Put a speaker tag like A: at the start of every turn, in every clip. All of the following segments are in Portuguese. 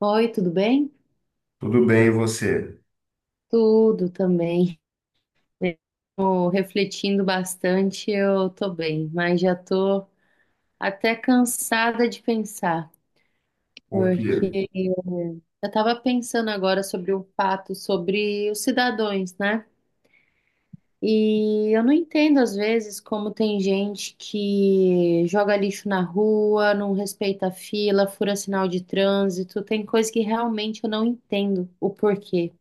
A: Oi, tudo bem?
B: Tudo bem, e você?
A: Tudo também. Tô refletindo bastante, eu tô bem, mas já tô até cansada de pensar,
B: Por quê?
A: porque eu estava pensando agora sobre o fato sobre os cidadãos, né? E eu não entendo às vezes como tem gente que joga lixo na rua, não respeita a fila, fura sinal de trânsito, tem coisa que realmente eu não entendo o porquê.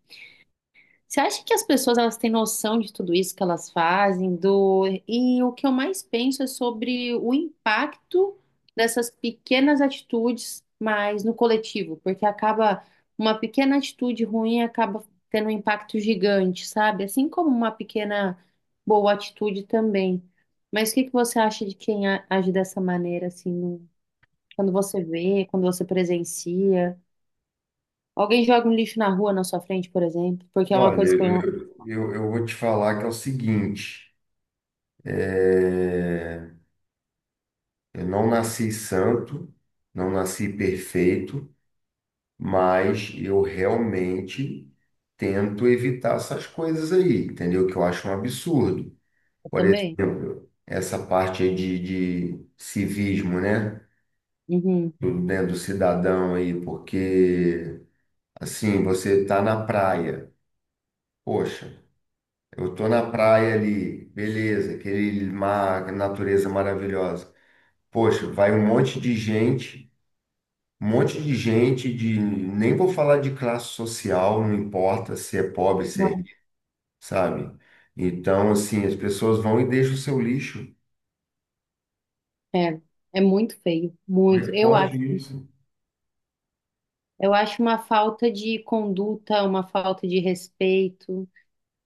A: Você acha que as pessoas elas têm noção de tudo isso que elas fazem, e o que eu mais penso é sobre o impacto dessas pequenas atitudes, mas no coletivo, porque acaba uma pequena atitude ruim acaba tendo um impacto gigante, sabe? Assim como uma pequena boa atitude também. Mas o que que você acha de quem age dessa maneira, assim, quando você vê, quando você presencia? Alguém joga um lixo na rua na sua frente, por exemplo, porque é uma
B: Olha,
A: coisa que
B: eu vou te falar que é o seguinte, é, eu não nasci santo, não nasci perfeito, mas eu realmente tento evitar essas coisas aí, entendeu? Que eu acho um absurdo.
A: eu
B: Por
A: também.
B: exemplo, essa parte aí de civismo, né?
A: Uhum.
B: Do, né, do cidadão aí, porque assim, você tá na praia, poxa. Eu tô na praia ali, beleza, aquele mar, natureza maravilhosa. Poxa, vai um monte de gente, um monte de gente de, nem vou falar de classe social, não importa se é pobre, se é
A: Não.
B: rico, sabe? Então, assim, as pessoas vão e deixam o seu lixo.
A: É, é muito feio,
B: Como é
A: muito.
B: que pode isso?
A: Eu acho uma falta de conduta, uma falta de respeito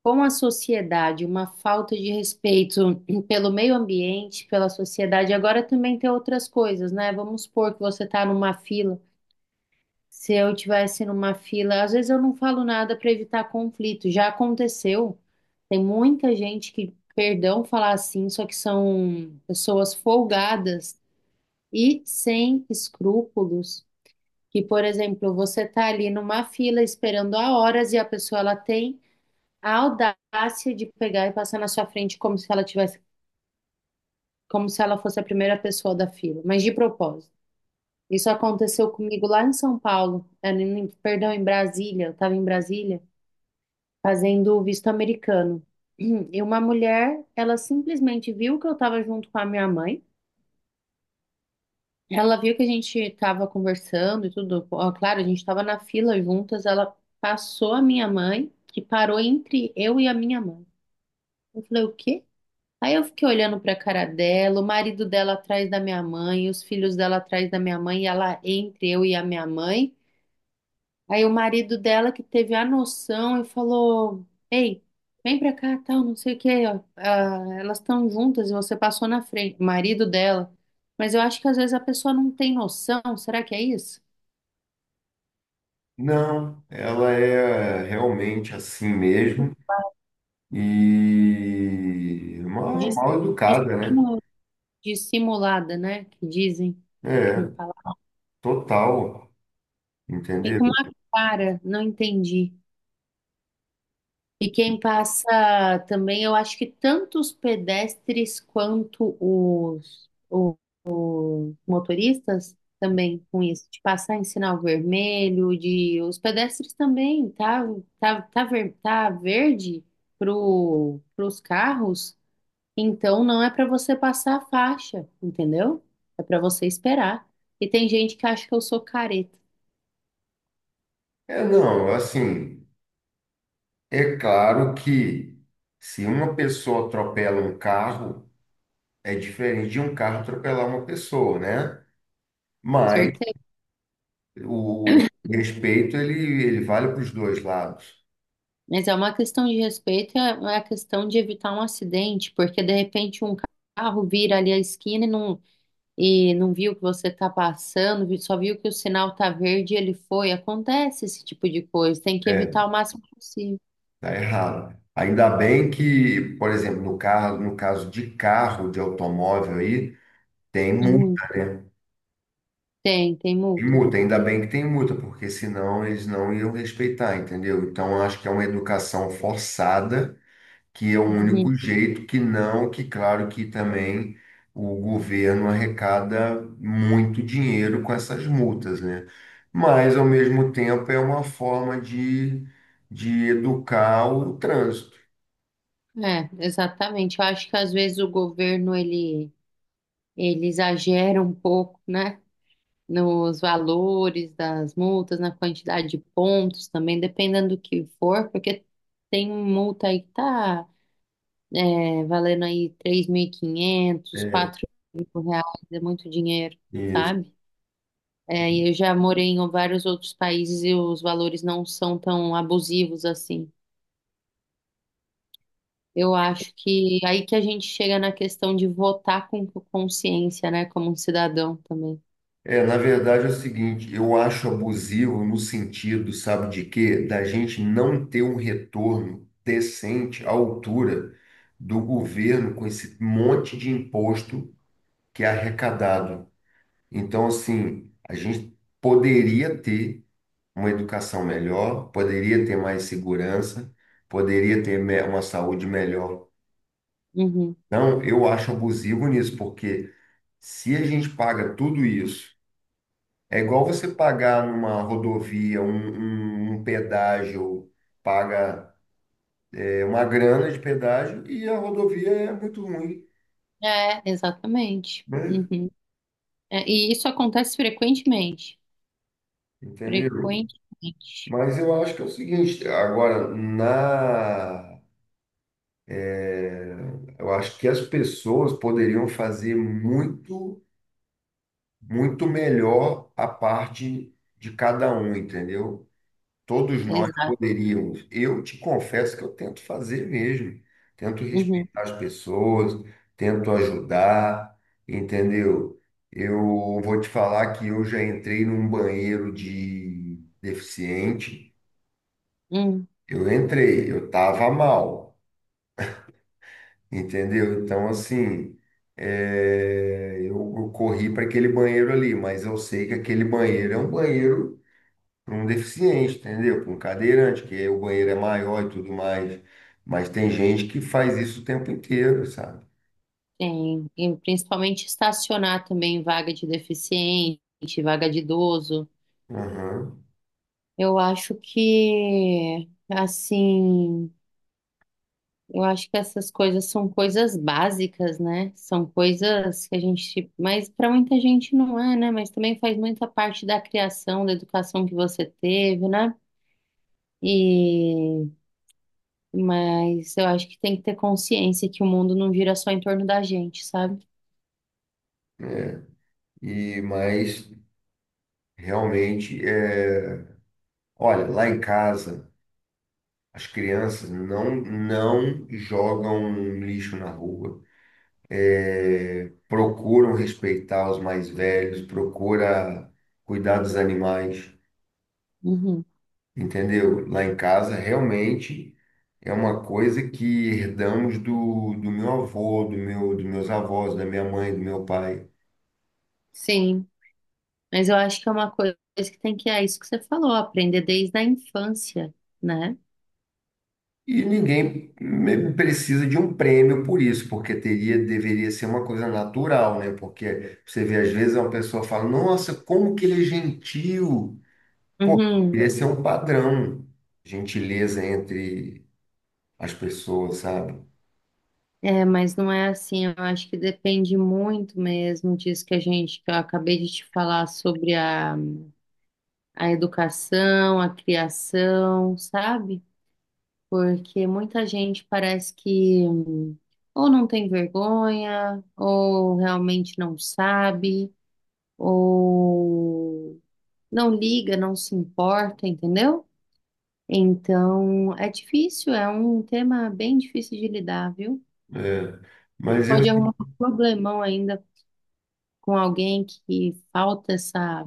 A: com a sociedade, uma falta de respeito pelo meio ambiente, pela sociedade. Agora também tem outras coisas, né? Vamos supor que você está numa fila. Se eu tivesse numa fila, às vezes eu não falo nada para evitar conflito. Já aconteceu. Tem muita gente que, perdão falar assim, só que são pessoas folgadas e sem escrúpulos, que, por exemplo, você está ali numa fila esperando há horas e a pessoa ela tem a audácia de pegar e passar na sua frente como se ela tivesse, como se ela fosse a primeira pessoa da fila, mas de propósito. Isso aconteceu comigo lá em São Paulo, perdão, em Brasília, eu estava em Brasília fazendo o visto americano. E uma mulher, ela simplesmente viu que eu estava junto com a minha mãe. Ela viu que a gente estava conversando e tudo. Ó, claro, a gente estava na fila juntas. Ela passou a minha mãe, que parou entre eu e a minha mãe. Eu falei, o quê? Aí eu fiquei olhando para cara dela, o marido dela atrás da minha mãe, os filhos dela atrás da minha mãe, e ela entre eu e a minha mãe. Aí o marido dela que teve a noção e falou: Ei, vem pra cá, tal, não sei o quê, ó. Ah, elas estão juntas e você passou na frente, o marido dela. Mas eu acho que às vezes a pessoa não tem noção, será que é isso?
B: Não, ela é realmente assim mesmo e
A: De,
B: mal, mal
A: de,
B: educada, né?
A: simu- de simulada, né? Que dizem no
B: É,
A: palavra.
B: total, entendeu?
A: Ficou uma cara, não entendi. E quem passa também, eu acho que tanto os pedestres quanto os motoristas também com isso, de passar em sinal vermelho, de os pedestres também, tá verde pros carros, então não é para você passar a faixa, entendeu? É para você esperar. E tem gente que acha que eu sou careta,
B: É, não, assim. É claro que se uma pessoa atropela um carro, é diferente de um carro atropelar uma pessoa, né? Mas o respeito ele vale para os dois lados.
A: mas é uma questão de respeito, é a questão de evitar um acidente, porque de repente um carro vira ali a esquina e não, viu que você está passando, só viu que o sinal está verde e ele foi. Acontece esse tipo de coisa, tem que
B: É,
A: evitar o máximo possível.
B: tá errado. Ainda bem que, por exemplo, no carro, no caso de carro, de automóvel aí, tem
A: Uhum.
B: multa, né?
A: Tem
B: Tem
A: multa.
B: multa, ainda bem que tem multa, porque senão eles não iam respeitar, entendeu? Então, eu acho que é uma educação forçada que é o
A: Uhum.
B: único jeito que não, que claro que também o governo arrecada muito dinheiro com essas multas, né? Mas ao mesmo tempo é uma forma de educar o trânsito.
A: É, exatamente. Eu acho que às vezes o governo ele exagera um pouco, né? Nos valores das multas, na quantidade de pontos também, dependendo do que for, porque tem multa aí que tá, valendo aí 3.500,
B: É,
A: R$ 4.000, é muito dinheiro,
B: isso.
A: sabe? É, e eu já morei em vários outros países e os valores não são tão abusivos assim. Eu acho que aí que a gente chega na questão de votar com consciência, né, como um cidadão também.
B: É, na verdade é o seguinte, eu acho abusivo no sentido, sabe de quê? Da gente não ter um retorno decente à altura do governo com esse monte de imposto que é arrecadado. Então, assim, a gente poderia ter uma educação melhor, poderia ter mais segurança, poderia ter uma saúde melhor.
A: Uhum.
B: Não, eu acho abusivo nisso, porque se a gente paga tudo isso, é igual você pagar numa rodovia um pedágio, paga uma grana de pedágio e a rodovia é muito ruim,
A: É, exatamente.
B: né?
A: Uhum. É, e isso acontece frequentemente.
B: Entendeu?
A: Frequentemente.
B: Mas eu acho que é o seguinte, agora, na É, eu acho que as pessoas poderiam fazer muito, muito melhor a parte de cada um, entendeu? Todos nós
A: Exato.
B: poderíamos. Eu te confesso que eu tento fazer mesmo. Tento
A: Uhum.
B: respeitar as pessoas, tento ajudar, entendeu? Eu vou te falar que eu já entrei num banheiro de deficiente.
A: Uhum.
B: Eu entrei, eu estava mal. Entendeu? Então, assim, eu corri para aquele banheiro ali, mas eu sei que aquele banheiro é um banheiro para um deficiente, entendeu? Para um cadeirante, que o banheiro é maior e tudo mais. Mas tem gente que faz isso o tempo inteiro, sabe?
A: Tem. E principalmente estacionar também vaga de deficiente, vaga de idoso.
B: Aham.
A: Eu acho que, assim, eu acho que essas coisas são coisas básicas, né? São coisas que a gente, mas para muita gente não é, né? Mas também faz muita parte da criação, da educação que você teve, né? E mas eu acho que tem que ter consciência que o mundo não gira só em torno da gente, sabe?
B: E, mas, realmente, é... olha, lá em casa, as crianças não jogam lixo na rua. Eh, procuram respeitar os mais velhos, procura cuidar dos animais,
A: Uhum.
B: entendeu? Lá em casa, realmente é uma coisa que herdamos do meu avô, dos meus avós, da minha mãe, do meu pai.
A: Sim, mas eu acho que é uma coisa que tem que, é isso que você falou, aprender desde a infância, né?
B: E ninguém precisa de um prêmio por isso, porque teria, deveria ser uma coisa natural, né? Porque você vê, às vezes, uma pessoa fala, nossa, como que ele é gentil. Pô,
A: Uhum.
B: deveria ser um padrão, gentileza entre as pessoas, sabe?
A: É, mas não é assim, eu acho que depende muito mesmo disso que a gente, que eu acabei de te falar sobre a educação, a criação, sabe? Porque muita gente parece que ou não tem vergonha, ou realmente não sabe, ou não liga, não se importa, entendeu? Então, é difícil, é um tema bem difícil de lidar, viu?
B: É, mas eu,
A: Pode arrumar
B: assim,
A: um problemão ainda com alguém que falta essa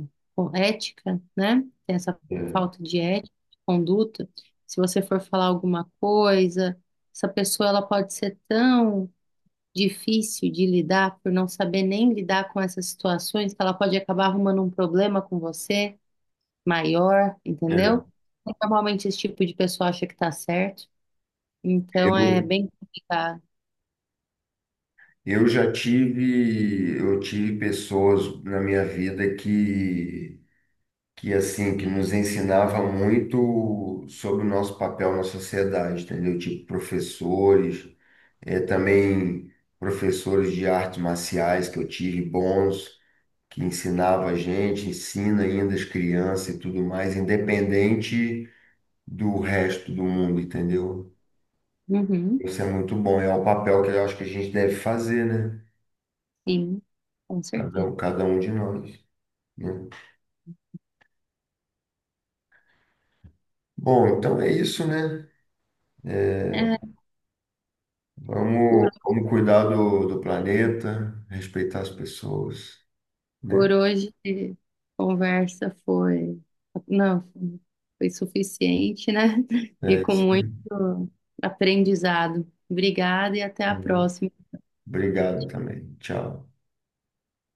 A: ética, né? Tem essa
B: é,
A: falta de ética, de conduta. Se você for falar alguma coisa, essa pessoa ela pode ser tão difícil de lidar por não saber nem lidar com essas situações que ela pode acabar arrumando um problema com você maior,
B: é,
A: entendeu? Normalmente esse tipo de pessoa acha que tá certo, então é
B: eu,
A: bem complicado.
B: eu já tive, eu tive pessoas na minha vida que assim, que nos ensinava muito sobre o nosso papel na sociedade, entendeu? Tipo professores, também professores de artes marciais que eu tive bons, que ensinava a gente, ensina ainda as crianças e tudo mais, independente do resto do mundo, entendeu?
A: Uhum,
B: Isso é muito bom, é o papel que eu acho que a gente deve fazer, né?
A: sim, com certeza.
B: Cada um de nós, né? Bom, então é isso, né?
A: É, por,
B: Vamos cuidar do planeta, respeitar as pessoas,
A: por
B: né?
A: hoje, a conversa foi, não, foi suficiente, né? E
B: É
A: com
B: isso
A: muito
B: aí.
A: aprendizado. Obrigada e até a
B: Valeu.
A: próxima.
B: Obrigado também. Tchau.